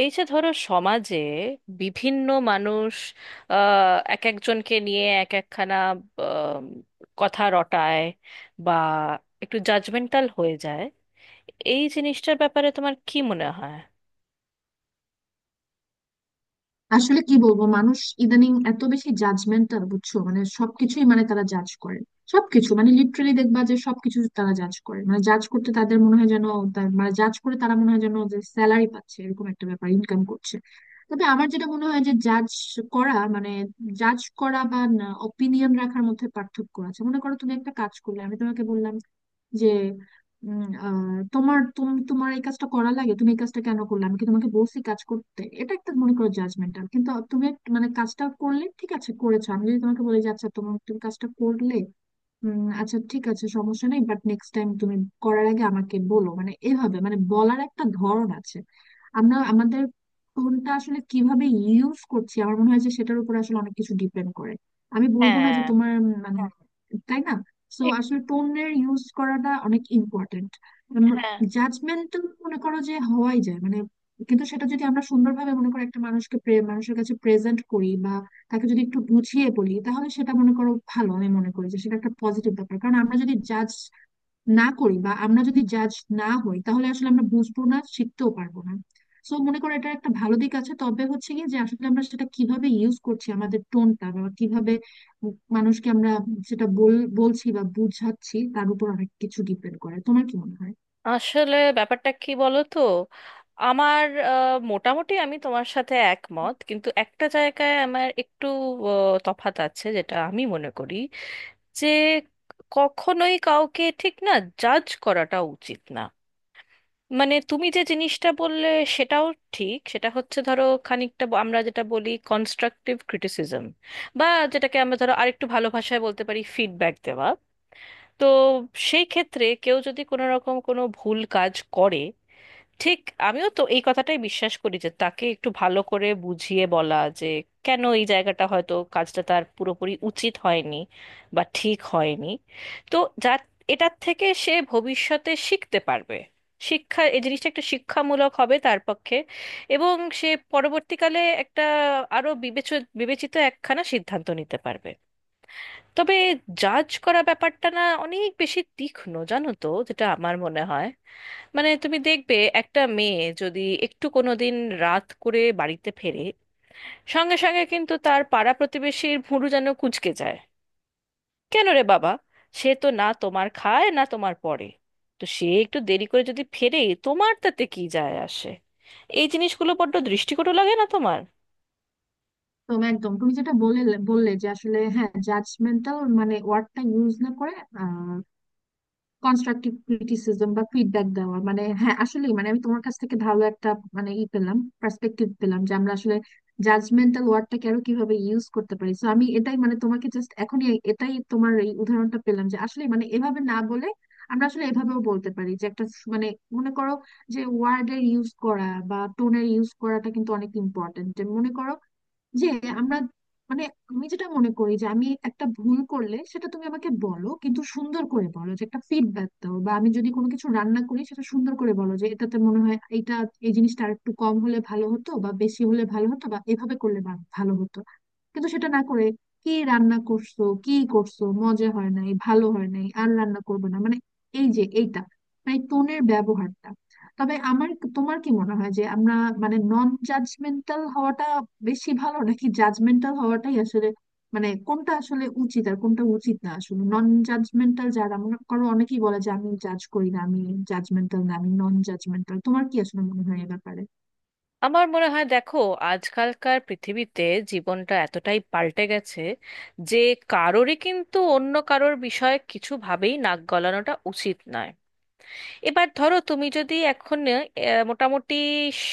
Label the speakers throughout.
Speaker 1: এই যে ধরো সমাজে বিভিন্ন মানুষ এক একজনকে নিয়ে এক একখানা আম, কথা রটায় বা একটু জাজমেন্টাল হয়ে যায়। এই জিনিসটার ব্যাপারে তোমার কি মনে হয়?
Speaker 2: আসলে কি বলবো, মানুষ ইদানিং এত বেশি জাজমেন্টাল, বুঝছো? মানে সবকিছুই, মানে তারা জাজ করে সবকিছু। মানে লিটারালি দেখবা যে সবকিছু তারা জাজ করে। মানে জাজ করতে তাদের মনে হয় যেন মানে জাজ করে তারা, মনে হয় যেন যে স্যালারি পাচ্ছে, এরকম একটা ব্যাপার, ইনকাম করছে। তবে আমার যেটা মনে হয় যে জাজ করা মানে, জাজ করা বা অপিনিয়ন রাখার মধ্যে পার্থক্য আছে। মনে করো তুমি একটা কাজ করলে, আমি তোমাকে বললাম যে উম, আহ, তোমার এই কাজটা করা লাগে? তুমি এই কাজটা কেন করলে? আমি কি তোমাকে বলছি কাজ করতে? এটা একটা, মনে করো, জাজমেন্টাল। কিন্তু তুমি মানে কাজটা করলে ঠিক আছে, করেছো। আমি যদি তোমাকে বলি যে আচ্ছা, তুমি কাজটা করলে, আচ্ছা ঠিক আছে, সমস্যা নেই, বাট নেক্সট টাইম তুমি করার আগে আমাকে বলো। মানে এভাবে, মানে বলার একটা ধরন আছে। আমরা আমাদের টোনটা আসলে কিভাবে ইউজ করছি, আমার মনে হয় যে সেটার উপর আসলে অনেক কিছু ডিপেন্ড করে। আমি বলবো না যে
Speaker 1: হ্যাঁ।
Speaker 2: তোমার মানে, তাই না? সো
Speaker 1: এক-
Speaker 2: আসলে টোনের ইউজ করাটা অনেক ইম্পর্টেন্ট।
Speaker 1: হ্যাঁ।
Speaker 2: জাজমেন্টাল মনে করো যে হওয়াই যায়, মানে। কিন্তু সেটা যদি আমরা সুন্দরভাবে, মনে করো, একটা মানুষকে মানুষের কাছে প্রেজেন্ট করি, বা তাকে যদি একটু গুছিয়ে বলি, তাহলে সেটা, মনে করো, ভালো। আমি মনে করি যে সেটা একটা পজিটিভ ব্যাপার। কারণ আমরা যদি জাজ না করি, বা আমরা যদি জাজ না হই, তাহলে আসলে আমরা বুঝবো না, শিখতেও পারবো না। সো মনে করো, এটা একটা ভালো দিক আছে। তবে হচ্ছে কি, যে আসলে আমরা সেটা কিভাবে ইউজ করছি, আমাদের টোনটা, বা কিভাবে মানুষকে আমরা সেটা বলছি বা বুঝাচ্ছি, তার উপর অনেক কিছু ডিপেন্ড করে। তোমার কি মনে হয়?
Speaker 1: আসলে ব্যাপারটা কি বলো তো? আমার মোটামুটি আমি তোমার সাথে একমত, কিন্তু একটা জায়গায় আমার একটু তফাৎ আছে। যেটা আমি মনে করি যে কখনোই কাউকে ঠিক না, জাজ করাটা উচিত না। মানে তুমি যে জিনিসটা বললে সেটাও ঠিক। সেটা হচ্ছে ধরো খানিকটা আমরা যেটা বলি কনস্ট্রাকটিভ ক্রিটিসিজম, বা যেটাকে আমরা ধরো আরেকটু ভালো ভাষায় বলতে পারি ফিডব্যাক দেওয়া। তো সেই ক্ষেত্রে কেউ যদি কোনো রকম কোনো ভুল কাজ করে, ঠিক, আমিও তো এই কথাটাই বিশ্বাস করি যে তাকে একটু ভালো করে বুঝিয়ে বলা, যে কেন এই জায়গাটা হয়তো কাজটা তার পুরোপুরি উচিত হয়নি বা ঠিক হয়নি। তো যা, এটার থেকে সে ভবিষ্যতে শিখতে পারবে। শিক্ষা, এই জিনিসটা একটা শিক্ষামূলক হবে তার পক্ষে। এবং সে পরবর্তীকালে একটা আরো বিবেচিত একখানা সিদ্ধান্ত নিতে পারবে। তবে জাজ করা ব্যাপারটা না অনেক বেশি তীক্ষ্ণ, জানো তো, যেটা আমার মনে হয়। মানে তুমি দেখবে, একটা মেয়ে যদি একটু কোনোদিন রাত করে বাড়িতে ফেরে, সঙ্গে সঙ্গে কিন্তু তার পাড়া প্রতিবেশীর ভুরু যেন কুঁচকে যায়। কেন রে বাবা, সে তো না তোমার খায় না তোমার পরে। তো সে একটু দেরি করে যদি ফেরে, তোমার তাতে কি যায় আসে? এই জিনিসগুলো বড্ড দৃষ্টিকটু লাগে না তোমার?
Speaker 2: তো একদম, তুমি যেটা বললে যে আসলে হ্যাঁ, জাজমেন্টাল মানে ওয়ার্ডটা ইউজ না করে কনস্ট্রাকটিভ ক্রিটিসিজম বা ফিডব্যাক দেওয়া, মানে হ্যাঁ আসলে, মানে আমি তোমার কাছ থেকে ভালো একটা, মানে ই পেলাম, পার্সপেক্টিভ পেলাম, যে আমরা আসলে জাজমেন্টাল ওয়ার্ডটাকে আরো কিভাবে ইউজ করতে পারি। তো আমি এটাই, মানে তোমাকে জাস্ট এখনই এটাই, তোমার এই উদাহরণটা পেলাম, যে আসলে মানে এভাবে না বলে আমরা আসলে এভাবেও বলতে পারি, যে একটা মানে, মনে করো যে ওয়ার্ডের ইউজ করা বা টোনের ইউজ করাটা কিন্তু অনেক ইম্পর্টেন্ট। মনে করো যে আমরা, মানে আমি যেটা মনে করি যে আমি একটা ভুল করলে সেটা তুমি আমাকে বলো, কিন্তু সুন্দর করে বলো, যে একটা ফিডব্যাক দাও, বা আমি যদি কোনো কিছু রান্না করি, সেটা সুন্দর করে বলো যে এটাতে মনে হয় এটা, এই জিনিসটা আর একটু কম হলে ভালো হতো, বা বেশি হলে ভালো হতো, বা এভাবে করলে ভালো হতো। কিন্তু সেটা না করে, কি রান্না করছো, কি করছো, মজা হয় নাই, ভালো হয় নাই, আর রান্না করবে না, মানে এই যে এইটা, মানে টোনের ব্যবহারটা। তবে আমার, তোমার কি মনে হয় যে আমরা, মানে নন জাজমেন্টাল হওয়াটা বেশি ভালো, নাকি জাজমেন্টাল হওয়াটাই আসলে, মানে কোনটা আসলে উচিত আর কোনটা উচিত না? আসলে নন জাজমেন্টাল যারা, মনে করো অনেকেই বলে যে আমি জাজ করি না, আমি জাজমেন্টাল না, আমি নন জাজমেন্টাল। তোমার কি আসলে মনে হয় এ ব্যাপারে?
Speaker 1: আমার মনে হয়, দেখো, আজকালকার পৃথিবীতে জীবনটা এতটাই পাল্টে গেছে যে কারোরই কিন্তু অন্য কারোর বিষয়ে কিছু ভাবেই নাক গলানোটা উচিত নয়। এবার ধরো তুমি যদি এখন মোটামুটি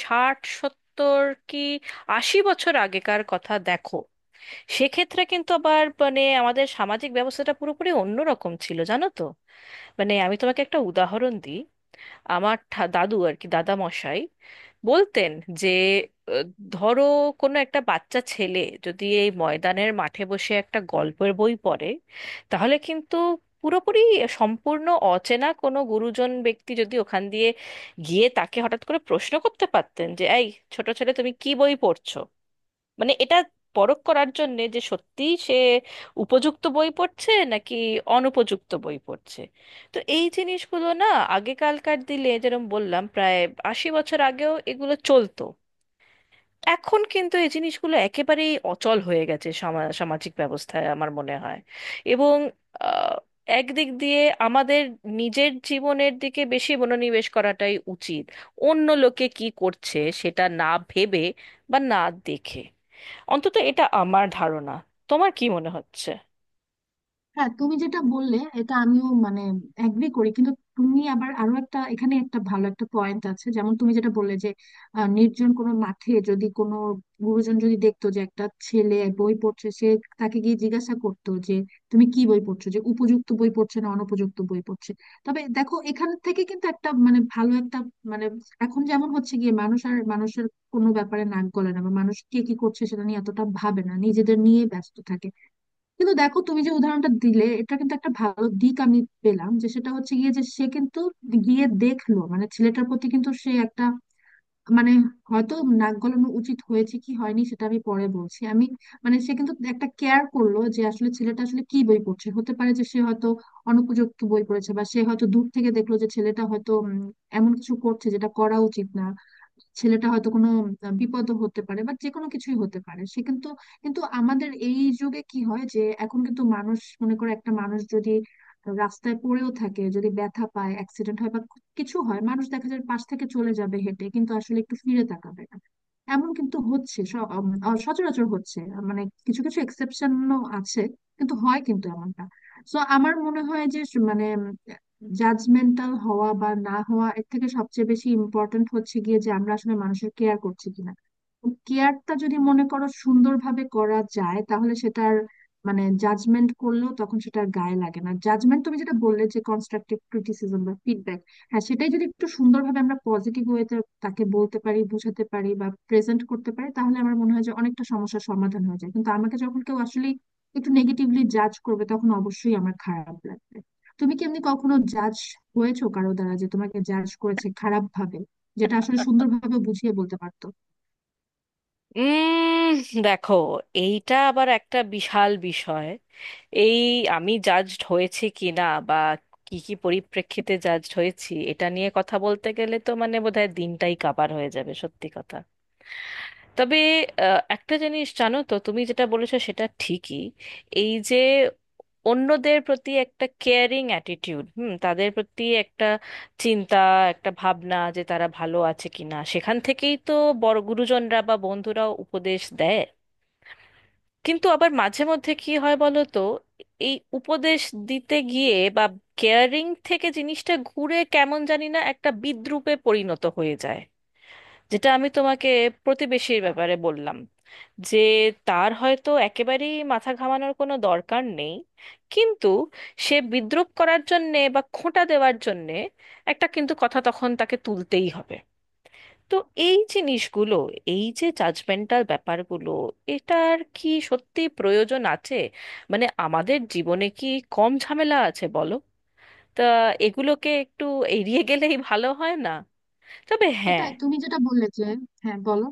Speaker 1: 60 70 কি 80 বছর আগেকার কথা দেখো, সেক্ষেত্রে কিন্তু আবার মানে আমাদের সামাজিক ব্যবস্থাটা পুরোপুরি অন্যরকম ছিল, জানো তো। মানে আমি তোমাকে একটা উদাহরণ দিই। আমার দাদু আর কি, দাদা মশাই বলতেন যে আহ, ধরো কোনো একটা বাচ্চা ছেলে যদি এই ময়দানের মাঠে বসে একটা গল্পের বই পড়ে, তাহলে কিন্তু পুরোপুরি, সম্পূর্ণ অচেনা কোনো গুরুজন ব্যক্তি যদি ওখান দিয়ে গিয়ে তাকে হঠাৎ করে প্রশ্ন করতে পারতেন যে, এই ছোট ছেলে তুমি কি বই পড়ছো? মানে এটা পরখ করার জন্যে যে সত্যি সে উপযুক্ত বই পড়ছে নাকি অনুপযুক্ত বই পড়ছে। তো এই জিনিসগুলো না, আগেকালকার দিলে, যেরকম বললাম, প্রায় 80 বছর আগেও এগুলো চলতো। এখন কিন্তু এই জিনিসগুলো একেবারেই অচল হয়ে গেছে সামাজিক ব্যবস্থায়, আমার মনে হয়। এবং আহ, একদিক দিয়ে আমাদের নিজের জীবনের দিকে বেশি মনোনিবেশ করাটাই উচিত, অন্য লোকে কি করছে সেটা না ভেবে বা না দেখে। অন্তত এটা আমার ধারণা। তোমার কি মনে হচ্ছে?
Speaker 2: হ্যাঁ, তুমি যেটা বললে এটা আমিও মানে এগ্রি করি। কিন্তু তুমি আবার আরো একটা, এখানে একটা ভালো একটা পয়েন্ট আছে। যেমন তুমি যেটা বললে যে নির্জন কোনো মাঠে যদি কোনো গুরুজন যদি দেখতো যে একটা ছেলে বই পড়ছে, সে তাকে গিয়ে জিজ্ঞাসা করতো যে তুমি কি বই পড়ছো, যে উপযুক্ত বই পড়ছে না অনুপযুক্ত বই পড়ছে। তবে দেখো, এখান থেকে কিন্তু একটা, মানে ভালো একটা, মানে এখন যেমন হচ্ছে গিয়ে, মানুষ আর মানুষের কোনো ব্যাপারে নাক গলে না, বা মানুষ কে কি করছে সেটা নিয়ে এতটা ভাবে না, নিজেদের নিয়ে ব্যস্ত থাকে। কিন্তু দেখো, তুমি যে উদাহরণটা দিলে, এটা কিন্তু একটা ভালো দিক আমি পেলাম, যে সেটা হচ্ছে গিয়ে যে সে কিন্তু গিয়ে দেখলো, মানে ছেলেটার প্রতি কিন্তু সে একটা, মানে হয়তো নাক গলানো উচিত হয়েছে কি হয়নি সেটা আমি পরে বলছি। আমি মানে সে কিন্তু একটা কেয়ার করলো যে আসলে ছেলেটা আসলে কি বই পড়ছে। হতে পারে যে সে হয়তো অনুপযুক্ত বই পড়েছে, বা সে হয়তো দূর থেকে দেখলো যে ছেলেটা হয়তো এমন কিছু করছে যেটা করা উচিত না। ছেলেটা হয়তো কোনো বিপদ হতে পারে, বা যে কোনো কিছুই হতে পারে, সে কিন্তু। কিন্তু আমাদের এই যুগে কি হয়, যে এখন কিন্তু মানুষ, মনে করো একটা মানুষ যদি রাস্তায় পড়েও থাকে, যদি ব্যথা পায়, অ্যাক্সিডেন্ট হয় বা কিছু হয়, মানুষ দেখা যায় পাশ থেকে চলে যাবে হেঁটে, কিন্তু আসলে একটু ফিরে তাকাবে না। এমন কিন্তু হচ্ছে, সচরাচর হচ্ছে। মানে কিছু কিছু এক্সেপশনও আছে, কিন্তু হয় কিন্তু এমনটা। সো আমার মনে হয় যে মানে, জাজমেন্টাল হওয়া বা না হওয়া এর থেকে সবচেয়ে বেশি ইম্পর্ট্যান্ট হচ্ছে গিয়ে যে আমরা আসলে মানুষের কেয়ার করছি কিনা। কেয়ারটা যদি, মনে করো, সুন্দরভাবে করা যায়, তাহলে সেটার, মানে জাজমেন্ট করলেও তখন সেটা আর গায়ে লাগে না। জাজমেন্ট, তুমি যেটা বললে যে কনস্ট্রাকটিভ ক্রিটিসিজম বা ফিডব্যাক, হ্যাঁ সেটাই যদি একটু সুন্দরভাবে আমরা পজিটিভ ওয়েতে তাকে বলতে পারি, বোঝাতে পারি বা প্রেজেন্ট করতে পারি, তাহলে আমার মনে হয় যে অনেকটা সমস্যার সমাধান হয়ে যায়। কিন্তু আমাকে যখন কেউ আসলে একটু নেগেটিভলি জাজ করবে, তখন অবশ্যই আমার খারাপ লাগবে। তুমি কি এমনি কখনো জাজ হয়েছো কারো দ্বারা, যে তোমাকে জাজ করেছে খারাপ ভাবে, যেটা আসলে সুন্দরভাবে বুঝিয়ে বলতে পারতো?
Speaker 1: উম দেখো, এইটা আবার একটা বিশাল বিষয়। এই আমি জাজড হয়েছি কি না, বা কি কি পরিপ্রেক্ষিতে জাজড হয়েছি, এটা নিয়ে কথা বলতে গেলে তো মানে বোধহয় দিনটাই কাবার হয়ে যাবে, সত্যি কথা। তবে একটা জিনিস, জানো তো, তুমি যেটা বলেছো সেটা ঠিকই। এই যে অন্যদের প্রতি একটা কেয়ারিং অ্যাটিটিউড, হুম, তাদের প্রতি একটা চিন্তা, একটা ভাবনা যে তারা ভালো আছে কিনা, সেখান থেকেই তো বড় গুরুজনরা বা বন্ধুরাও উপদেশ দেয়। কিন্তু আবার মাঝে মধ্যে কি হয় বলো তো, এই উপদেশ দিতে গিয়ে বা কেয়ারিং থেকে জিনিসটা ঘুরে কেমন জানি না একটা বিদ্রূপে পরিণত হয়ে যায়। যেটা আমি তোমাকে প্রতিবেশীর ব্যাপারে বললাম, যে তার হয়তো একেবারেই মাথা ঘামানোর কোনো দরকার নেই, কিন্তু সে বিদ্রূপ করার জন্যে বা খোঁটা দেওয়ার জন্যে একটা কিন্তু কথা তখন তাকে তুলতেই হবে। তো এই জিনিসগুলো, এই যে জাজমেন্টাল ব্যাপারগুলো, এটার কি সত্যি প্রয়োজন আছে? মানে আমাদের জীবনে কি কম ঝামেলা আছে বলো? তা এগুলোকে একটু এড়িয়ে গেলেই ভালো হয় না? তবে হ্যাঁ,
Speaker 2: সেটাই তুমি যেটা বললে যে, হ্যাঁ বলো।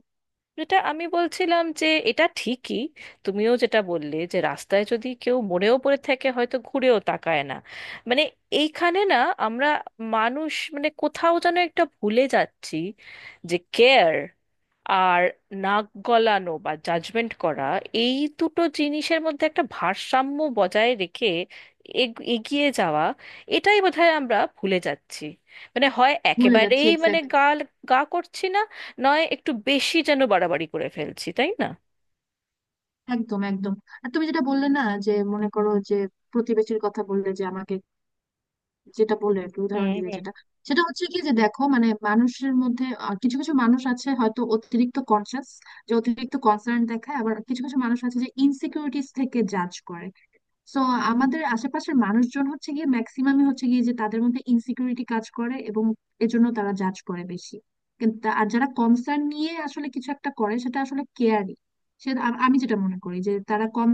Speaker 1: যেটা আমি বলছিলাম যে এটা ঠিকই, তুমিও যেটা বললে যে রাস্তায় যদি কেউ মরেও পড়ে থাকে হয়তো ঘুরেও তাকায় না। মানে এইখানে না আমরা মানুষ মানে কোথাও যেন একটা ভুলে যাচ্ছি, যে কেয়ার আর নাক গলানো বা জাজমেন্ট করা, এই দুটো জিনিসের মধ্যে একটা ভারসাম্য বজায় রেখে এগিয়ে যাওয়া, এটাই বোধহয় আমরা ভুলে যাচ্ছি। মানে হয়
Speaker 2: ভুলে যাচ্ছি,
Speaker 1: একেবারেই মানে
Speaker 2: এক্স্যাক্টলি।
Speaker 1: গাল গা করছি না, নয় একটু বেশি যেন বাড়াবাড়ি করে ফেলছি, তাই না?
Speaker 2: একদম, একদম। আর তুমি যেটা বললে না, যে মনে করো যে প্রতিবেশীর কথা বললে, যে আমাকে যেটা বললে আর কি,
Speaker 1: হুম
Speaker 2: উদাহরণ দিলে,
Speaker 1: হুম।
Speaker 2: যেটা সেটা হচ্ছে কি, যে দেখো মানে মানুষের মধ্যে কিছু কিছু মানুষ আছে হয়তো অতিরিক্ত কনসিয়াস, যে অতিরিক্ত কনসার্ন দেখায়। আবার কিছু কিছু মানুষ আছে যে ইনসিকিউরিটিস থেকে জাজ করে। সো আমাদের আশেপাশের মানুষজন হচ্ছে গিয়ে, ম্যাক্সিমামই হচ্ছে গিয়ে যে তাদের মধ্যে ইনসিকিউরিটি কাজ করে, এবং এজন্য তারা জাজ করে বেশি। কিন্তু আর যারা কনসার্ন নিয়ে আসলে কিছু একটা করে, সেটা আসলে কেয়ারই। আমি যেটা মনে করি যে তারা কম,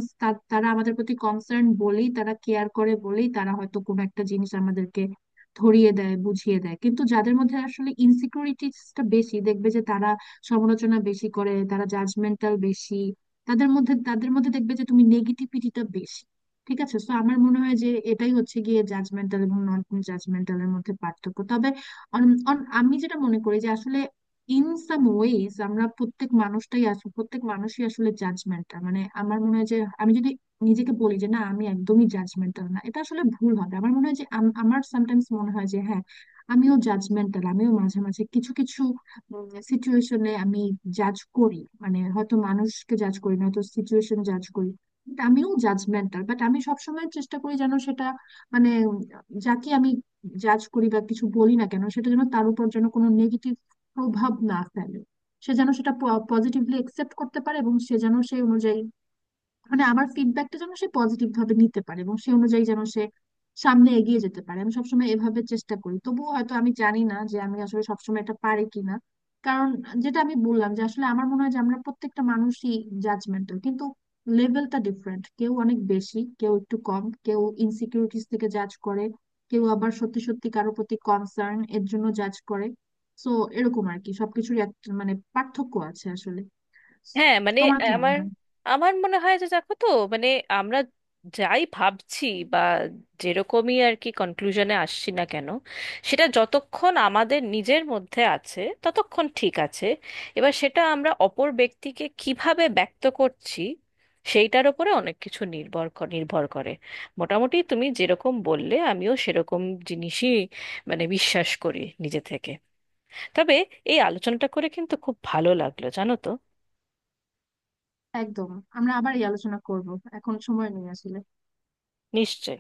Speaker 2: তারা আমাদের প্রতি কনসার্ন বলেই, তারা কেয়ার করে বলেই, তারা হয়তো কোনো একটা জিনিস আমাদেরকে ধরিয়ে দেয়, বুঝিয়ে দেয়। কিন্তু যাদের মধ্যে আসলে ইনসিকিউরিটিসটা বেশি, দেখবে যে তারা সমালোচনা বেশি করে, তারা জাজমেন্টাল বেশি। তাদের মধ্যে দেখবে যে তুমি নেগেটিভিটিটা বেশি। ঠিক আছে। তো আমার মনে হয় যে এটাই হচ্ছে গিয়ে জাজমেন্টাল এবং নন জাজমেন্টালের মধ্যে পার্থক্য। তবে আমি যেটা মনে করি যে আসলে ইন সাম ওয়েজ আমরা প্রত্যেক মানুষটাই আসলে, প্রত্যেক মানুষই আসলে জাজমেন্টাল। মানে আমার মনে হয় যে আমি যদি নিজেকে বলি যে না, আমি একদমই জাজমেন্টাল না, এটা আসলে ভুল হবে। আমার মনে হয় যে আমার সামটাইমস মনে হয় যে হ্যাঁ, আমিও জাজমেন্টাল। আমিও মাঝে মাঝে কিছু কিছু সিচুয়েশনে আমি জাজ করি, মানে হয়তো মানুষকে জাজ করি না, হয়তো সিচুয়েশন জাজ করি। But আমিও জাজমেন্টাল, বাট আমি সবসময় চেষ্টা করি যেন সেটা, মানে যাকে আমি জাজ করি বা কিছু বলি না কেন, সেটা যেন তার উপর যেন কোনো নেগেটিভ প্রভাব না ফেলে। সে যেন সেটা পজিটিভলি একসেপ্ট করতে পারে, এবং সে যেন সেই অনুযায়ী, মানে আমার ফিডব্যাকটা যেন সে পজিটিভ ভাবে নিতে পারে, এবং সে অনুযায়ী যেন সে সামনে এগিয়ে যেতে পারে। আমি সবসময় এভাবে চেষ্টা করি, তবুও হয়তো আমি জানি না যে আমি আসলে সবসময় এটা পারি কিনা। কারণ যেটা আমি বললাম যে আসলে আমার মনে হয় যে আমরা প্রত্যেকটা মানুষই জাজমেন্টাল, কিন্তু লেভেলটা ডিফারেন্ট। কেউ অনেক বেশি, কেউ একটু কম, কেউ ইনসিকিউরিটিস থেকে জাজ করে, কেউ আবার সত্যি সত্যি কারোর প্রতি কনসার্ন এর জন্য জাজ করে। সো এরকম আর কি, সবকিছুরই একটা, মানে পার্থক্য আছে আসলে।
Speaker 1: হ্যাঁ, মানে
Speaker 2: তোমার কি মনে
Speaker 1: আমার
Speaker 2: হয়?
Speaker 1: আমার মনে হয় যে, দেখো তো, মানে আমরা যাই ভাবছি বা যেরকমই আর কি কনক্লুশনে আসছি না কেন, সেটা যতক্ষণ আমাদের নিজের মধ্যে আছে ততক্ষণ ঠিক আছে। এবার সেটা আমরা অপর ব্যক্তিকে কিভাবে ব্যক্ত করছি, সেইটার উপরে অনেক কিছু নির্ভর নির্ভর করে। মোটামুটি তুমি যেরকম বললে আমিও সেরকম জিনিসই মানে বিশ্বাস করি নিজে থেকে। তবে এই আলোচনাটা করে কিন্তু খুব ভালো লাগলো, জানো তো।
Speaker 2: একদম। আমরা আবার এই আলোচনা করব, এখন সময় নেই আসলে।
Speaker 1: নিশ্চয়ই।